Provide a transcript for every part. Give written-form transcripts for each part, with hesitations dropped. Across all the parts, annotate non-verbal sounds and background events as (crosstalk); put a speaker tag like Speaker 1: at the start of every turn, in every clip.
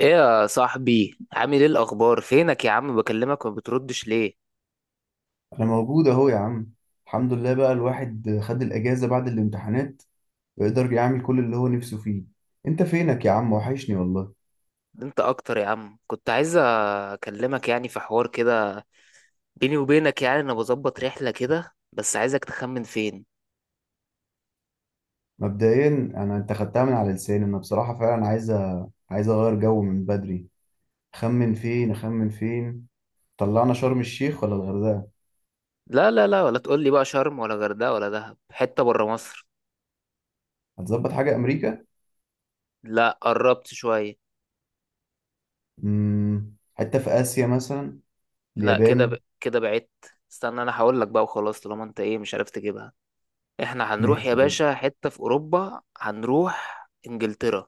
Speaker 1: ايه يا صاحبي، عامل ايه الاخبار؟ فينك يا عم، بكلمك وما بتردش ليه؟
Speaker 2: انا موجود اهو يا عم. الحمد لله بقى الواحد خد الاجازه بعد الامتحانات ويقدر يعمل كل اللي هو نفسه فيه. انت فينك يا عم؟ وحشني والله.
Speaker 1: ده انت اكتر يا عم، كنت عايز اكلمك يعني في حوار كده بيني وبينك. يعني انا بظبط رحله كده، بس عايزك تخمن فين.
Speaker 2: مبدئيا انا انت خدتها من على لساني، انا بصراحه فعلا عايز عايز اغير جو من بدري. خمن فين، اخمن فين. طلعنا شرم الشيخ ولا الغردقه؟
Speaker 1: لا لا لا، ولا تقول لي بقى شرم ولا غردقه ولا دهب، حته بره مصر.
Speaker 2: هتظبط حاجه امريكا.
Speaker 1: لا، قربت شويه.
Speaker 2: حته في اسيا مثلا،
Speaker 1: لا، كده
Speaker 2: اليابان.
Speaker 1: كده بعدت. استنى انا هقول لك بقى وخلاص، طالما انت ايه مش عارف تجيبها. احنا هنروح يا
Speaker 2: ماشي.
Speaker 1: باشا حته في اوروبا، هنروح انجلترا.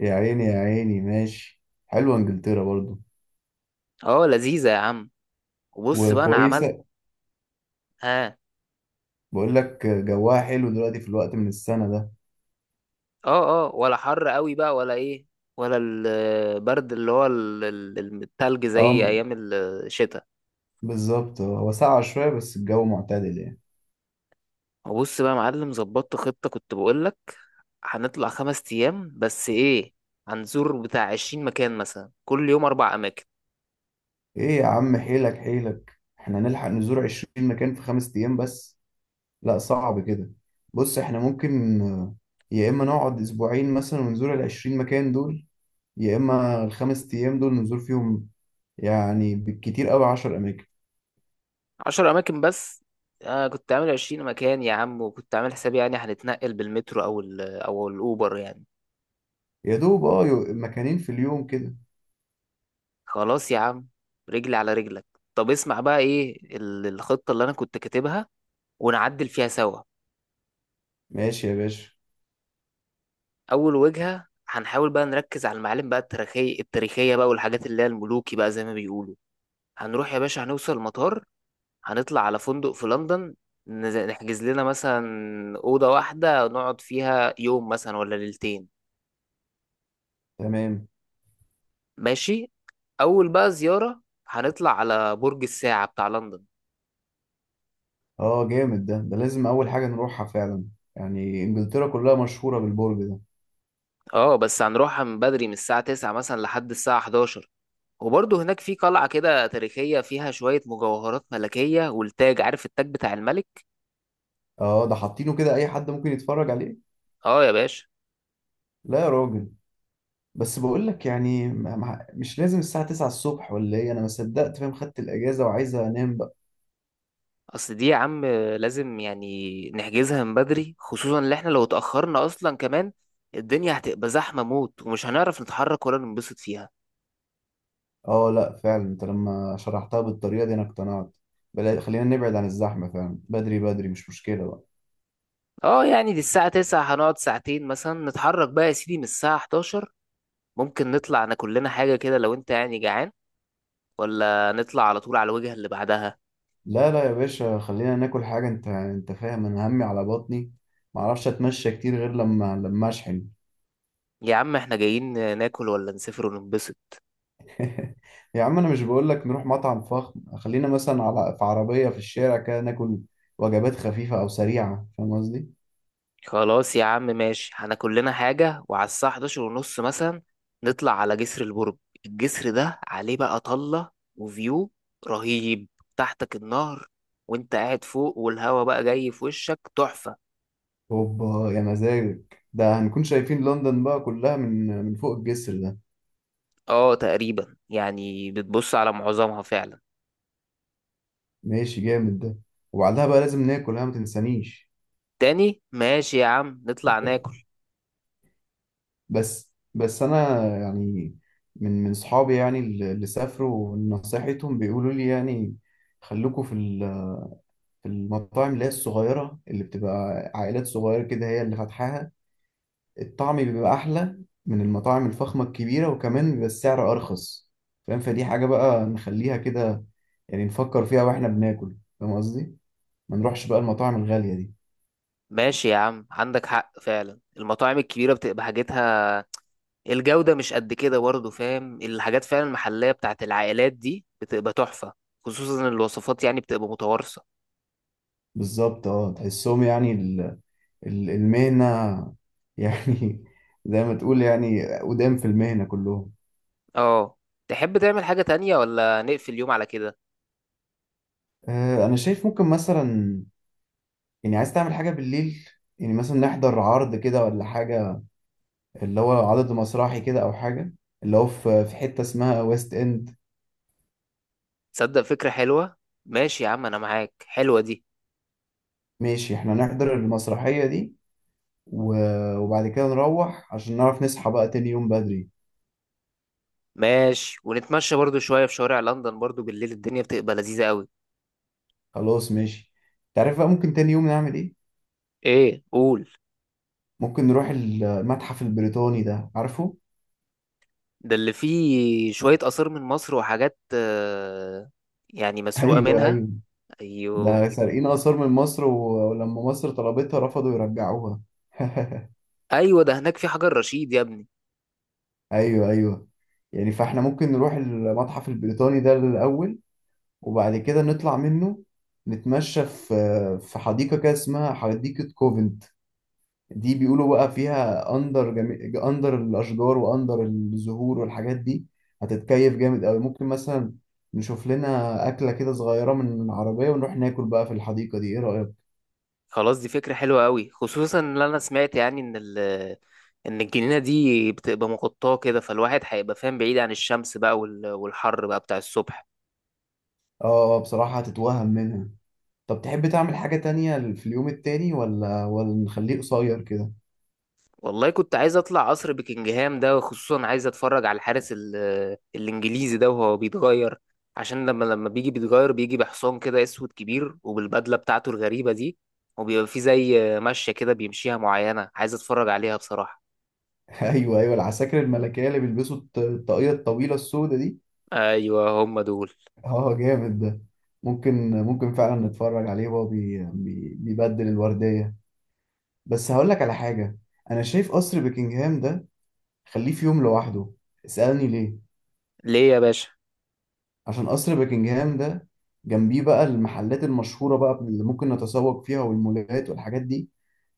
Speaker 2: يا عيني يا عيني، ماشي. حلوه انجلترا برضو،
Speaker 1: اه لذيذه يا عم. وبص بقى انا عملت.
Speaker 2: وكويسه.
Speaker 1: ها.
Speaker 2: بقول لك جواها حلو دلوقتي في الوقت من السنة ده.
Speaker 1: اه اه، ولا حر قوي بقى ولا ايه؟ ولا البرد اللي هو التلج زي
Speaker 2: اه م-
Speaker 1: ايام الشتاء؟
Speaker 2: بالظبط. هو ساقعة شوية بس الجو معتدل يعني.
Speaker 1: وبص بقى يا معلم، ظبطت خطة كنت بقولك. هنطلع خمس ايام بس ايه، هنزور بتاع عشرين مكان مثلا، كل يوم اربع اماكن.
Speaker 2: ايه يا عم، حيلك حيلك، احنا نلحق نزور عشرين مكان في خمس ايام بس؟ لا صعب كده. بص احنا ممكن، يا اما نقعد اسبوعين مثلا ونزور العشرين مكان دول، يا اما الخمس ايام دول نزور فيهم يعني بالكتير قوي عشر اماكن.
Speaker 1: عشر اماكن بس؟ انا كنت عامل عشرين مكان يا عم، وكنت عامل حسابي يعني هنتنقل بالمترو او الاوبر يعني.
Speaker 2: يا دوب اه مكانين في اليوم كده.
Speaker 1: خلاص يا عم، رجلي على رجلك. طب اسمع بقى ايه الخطة اللي انا كنت كاتبها، ونعدل فيها سوا.
Speaker 2: ماشي يا باشا.
Speaker 1: اول وجهة هنحاول بقى نركز على المعالم بقى التاريخية التاريخية بقى، والحاجات اللي هي الملوكي بقى زي ما بيقولوا. هنروح يا باشا، هنوصل المطار، هنطلع على فندق في لندن، نحجز لنا مثلا أوضة واحدة نقعد فيها يوم مثلا ولا ليلتين.
Speaker 2: تمام.
Speaker 1: ماشي. أول بقى زيارة، هنطلع على برج الساعة بتاع لندن.
Speaker 2: اه جامد ده لازم اول حاجه نروحها فعلا، يعني انجلترا كلها مشهوره بالبرج ده.
Speaker 1: اه، بس هنروحها من بدري، من الساعة 9 مثلا لحد الساعة 11. وبرضه هناك في قلعة كده تاريخية فيها شوية مجوهرات ملكية، والتاج، عارف التاج بتاع الملك.
Speaker 2: اه ده حاطينه كده اي حد ممكن يتفرج عليه؟
Speaker 1: اه يا باشا.
Speaker 2: لا يا راجل. بس بقول لك يعني مش لازم الساعه 9 الصبح ولا ايه، انا ما صدقت فاهم خدت الاجازه وعايز انام بقى.
Speaker 1: اصل دي يا عم لازم يعني نحجزها من بدري، خصوصا ان احنا لو اتأخرنا اصلا كمان الدنيا هتبقى زحمة موت، ومش هنعرف نتحرك ولا ننبسط فيها.
Speaker 2: اه لا فعلا، انت لما شرحتها بالطريقه دي انا اقتنعت. بلا خلينا نبعد عن الزحمه فعلا، بدري بدري مش مشكله بقى.
Speaker 1: اه يعني دي الساعة 9، هنقعد ساعتين مثلا، نتحرك بقى يا سيدي من الساعة 11. ممكن نطلع ناكل لنا حاجة كده لو انت يعني جعان، ولا نطلع على طول على الوجهة اللي بعدها.
Speaker 2: لا لا يا باشا، خلينا ناكل حاجه، انت فاهم انا همي على بطني، ما اعرفش اتمشى كتير غير لما اشحن.
Speaker 1: يا عم احنا جايين ناكل ولا نسافر وننبسط؟
Speaker 2: (laughs) يا عم انا مش بقول لك نروح مطعم فخم، خلينا مثلا على في عربية في الشارع كده ناكل وجبات خفيفة او سريعة، فاهم قصدي.
Speaker 1: خلاص يا عم ماشي، هناكل لنا حاجة، وعلى الساعة 11 ونص مثلا نطلع على جسر البرج. الجسر ده عليه بقى طلة وفيو رهيب، تحتك النهر وانت قاعد فوق، والهوا بقى جاي في وشك تحفة.
Speaker 2: اوبا يا مزاجك، ده هنكون شايفين لندن بقى كلها من فوق الجسر ده.
Speaker 1: اه تقريبا، يعني بتبص على معظمها فعلا.
Speaker 2: ماشي جامد ده. وبعدها بقى لازم ناكل، ها ما تنسانيش.
Speaker 1: تاني؟ ماشي يا عم نطلع ناكل.
Speaker 2: بس بس انا يعني، من صحابي يعني اللي سافروا نصيحتهم بيقولوا لي يعني، خلوكوا في ال- في المطاعم اللي هي الصغيرة اللي بتبقى عائلات صغيرة كده هي اللي فاتحاها، الطعم بيبقى أحلى من المطاعم الفخمة الكبيرة، وكمان بيبقى السعر أرخص، فاهم. فدي حاجة بقى نخليها كده، يعني نفكر فيها واحنا بناكل، فاهم قصدي؟ ما نروحش بقى المطاعم الغالية دي.
Speaker 1: ماشي يا عم، عندك حق فعلا، المطاعم الكبيرة بتبقى حاجتها الجودة مش قد كده برضه، فاهم الحاجات فعلا المحلية بتاعت العائلات دي بتبقى تحفة، خصوصا إن الوصفات يعني بتبقى متوارثة.
Speaker 2: بالظبط اه، تحسهم يعني المهنة، (laughs) يعني زي ما تقول يعني قدام في المهنة كلهم.
Speaker 1: اه، تحب تعمل حاجة تانية ولا نقفل اليوم على كده؟
Speaker 2: أنا شايف ممكن مثلا، يعني عايز تعمل حاجة بالليل، يعني مثلا نحضر عرض كده ولا حاجة، اللي هو عدد مسرحي كده أو حاجة، اللي هو في حتة اسمها ويست إند.
Speaker 1: تصدق فكرة حلوة. ماشي يا عم أنا معاك، حلوة دي.
Speaker 2: ماشي، احنا نحضر المسرحية دي، وبعد كده نروح عشان نعرف نصحى بقى تاني يوم بدري.
Speaker 1: ماشي، ونتمشى برضه شوية في شوارع لندن برضه بالليل، الدنيا بتبقى لذيذة قوي.
Speaker 2: خلاص ماشي. تعرف بقى ممكن تاني يوم نعمل ايه؟
Speaker 1: ايه قول.
Speaker 2: ممكن نروح المتحف البريطاني ده، عارفه؟
Speaker 1: ده اللي فيه شوية آثار من مصر وحاجات، يعني
Speaker 2: (laughs)
Speaker 1: مسروقة
Speaker 2: ايوه،
Speaker 1: منها.
Speaker 2: ايوه،
Speaker 1: ايوه
Speaker 2: ده سارقين آثار من مصر، ولما مصر طلبتها رفضوا يرجعوها. (laughs)
Speaker 1: ايوه، ده هناك في حجر رشيد يا ابني.
Speaker 2: ايوه، ايوه. يعني فاحنا ممكن نروح المتحف البريطاني ده الأول، وبعد كده نطلع منه، نتمشى في حديقة كده اسمها حديقة كوفنت، دي بيقولوا بقى فيها اندر الاشجار واندر الزهور والحاجات دي، هتتكيف جامد قوي. ممكن مثلا نشوف لنا اكله كده صغيره من العربيه ونروح ناكل بقى في الحديقه دي، ايه رايك؟
Speaker 1: خلاص، دي فكرة حلوة قوي، خصوصا ان انا سمعت يعني ان ان الجنينة دي بتبقى مغطاة كده، فالواحد هيبقى فاهم بعيد عن الشمس بقى والحر بقى بتاع الصبح.
Speaker 2: اه بصراحه هتتوهم منها. طب تحب تعمل حاجه تانية في اليوم التاني ولا نخليه قصير كده؟
Speaker 1: والله كنت عايز اطلع قصر بكنجهام ده، وخصوصا عايز اتفرج على الحارس الانجليزي ده وهو بيتغير. عشان لما بيجي بيتغير، بيجي بحصان كده اسود كبير، وبالبدلة بتاعته الغريبة دي، وبيبقى فيه زي مشية كده بيمشيها معينة، عايز اتفرج عليها بصراحة.
Speaker 2: (laughs) ايوه، ايوه، العساكر الملكيه اللي بيلبسوا الطاقيه الطويله السوداء دي.
Speaker 1: ايوه هم دول.
Speaker 2: اه جامد ده. ممكن فعلا نتفرج عليه وهو بيبدل الورديه. بس هقول لك على حاجة، أنا شايف قصر بكنجهام ده خليه في يوم لوحده. اسألني ليه؟
Speaker 1: ليه يا باشا؟
Speaker 2: عشان قصر بكنجهام ده، جنبيه بقى المحلات المشهورة بقى اللي ممكن نتسوق فيها والمولات والحاجات دي،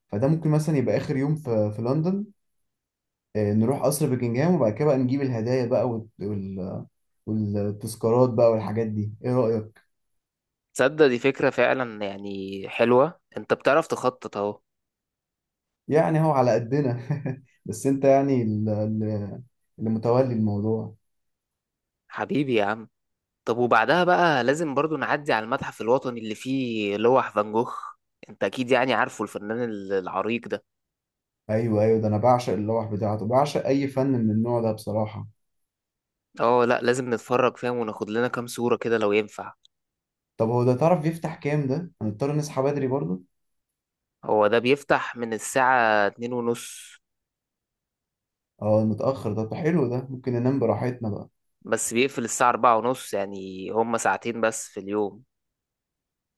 Speaker 2: فده ممكن مثلا يبقى آخر يوم في لندن، نروح قصر بكنجهام وبعد كده بقى نجيب الهدايا بقى، والتذكارات بقى والحاجات دي، ايه رأيك؟
Speaker 1: تصدق دي فكرة فعلا يعني حلوة، انت بتعرف تخطط اهو.
Speaker 2: يعني هو على قدنا، (laughs) بس انت يعني اللي متولي الموضوع.
Speaker 1: حبيبي يا عم. طب وبعدها بقى لازم برضو نعدي على المتحف الوطني اللي فيه لوح فان جوخ. انت اكيد يعني عارفه الفنان العريق ده.
Speaker 2: ايوه، ايوه، ده انا بعشق اللوح بتاعته، بعشق اي فن من النوع ده بصراحه.
Speaker 1: اه لا لازم نتفرج فاهم، وناخد لنا كام صورة كده لو ينفع.
Speaker 2: طب هو ده تعرف بيفتح كام؟ ده هنضطر نصحى بدري برضه.
Speaker 1: هو ده بيفتح من الساعة اتنين ونص.
Speaker 2: اه متاخر ده، طب حلو، ده ممكن ننام براحتنا بقى.
Speaker 1: بس بيقفل الساعة أربعة ونص، يعني هما ساعتين بس في اليوم.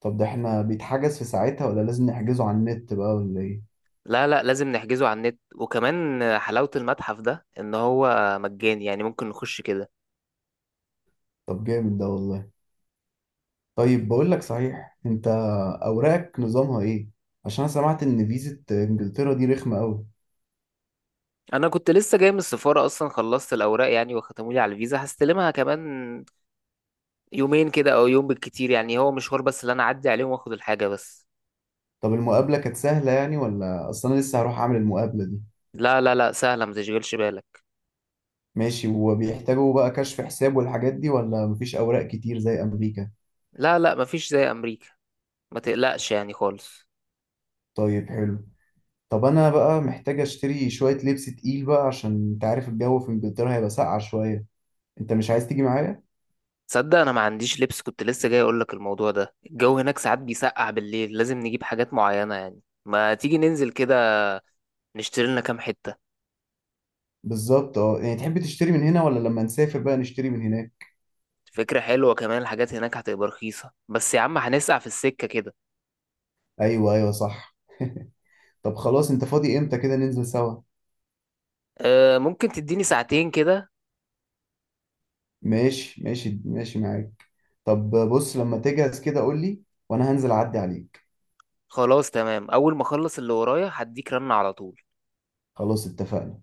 Speaker 2: طب ده احنا بيتحجز في ساعتها ولا لازم نحجزه على النت بقى ولا ايه؟
Speaker 1: لا لا، لازم نحجزه على النت، وكمان حلاوة المتحف ده إن هو مجاني، يعني ممكن نخش كده.
Speaker 2: طب جامد ده والله. طيب بقول لك صحيح، انت اوراقك نظامها ايه؟ عشان انا سمعت ان فيزة انجلترا دي رخمه قوي.
Speaker 1: انا كنت لسه جاي من السفاره اصلا، خلصت الاوراق يعني وختموا لي على الفيزا، هستلمها كمان يومين كده او يوم بالكتير، يعني هو مشوار بس اللي انا اعدي عليهم واخد الحاجه بس.
Speaker 2: طب المقابله كانت سهله يعني؟ ولا اصل انا لسه هروح اعمل المقابله دي.
Speaker 1: لا لا لا، سهله ما تشغلش بالك.
Speaker 2: ماشي، وبيحتاجوا بقى كشف حساب والحاجات دي ولا مفيش اوراق كتير زي امريكا؟
Speaker 1: لا لا، مفيش زي امريكا، ما تقلقش يعني خالص.
Speaker 2: طيب حلو. طب انا بقى محتاج اشتري شوية لبس تقيل بقى، عشان انت عارف الجو في انجلترا هيبقى ساقعة شوية. انت مش عايز تيجي معايا؟
Speaker 1: تصدق انا ما عنديش لبس، كنت لسه جاي اقول لك الموضوع ده، الجو هناك ساعات بيسقع بالليل، لازم نجيب حاجات معينه، يعني ما تيجي ننزل كده نشتري لنا كام حته.
Speaker 2: بالظبط اه، يعني تحب تشتري من هنا ولا لما نسافر بقى نشتري من هناك؟
Speaker 1: فكرة حلوة، كمان الحاجات هناك هتبقى رخيصة، بس يا عم هنسقع في السكة كده.
Speaker 2: ايوه، ايوه، صح. طب خلاص، انت فاضي امتى كده ننزل سوا؟
Speaker 1: أه ممكن تديني ساعتين كده.
Speaker 2: ماشي، ماشي، ماشي، معاك. طب بص، لما تجهز كده قول لي وانا هنزل اعدي عليك.
Speaker 1: خلاص تمام، اول ما اخلص اللي ورايا هديك رن على طول.
Speaker 2: خلاص اتفقنا.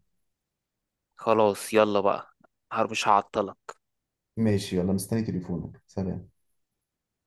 Speaker 1: خلاص يلا بقى. مش هعطلك.
Speaker 2: ماشي، يلا، مستني تليفونك، سلام.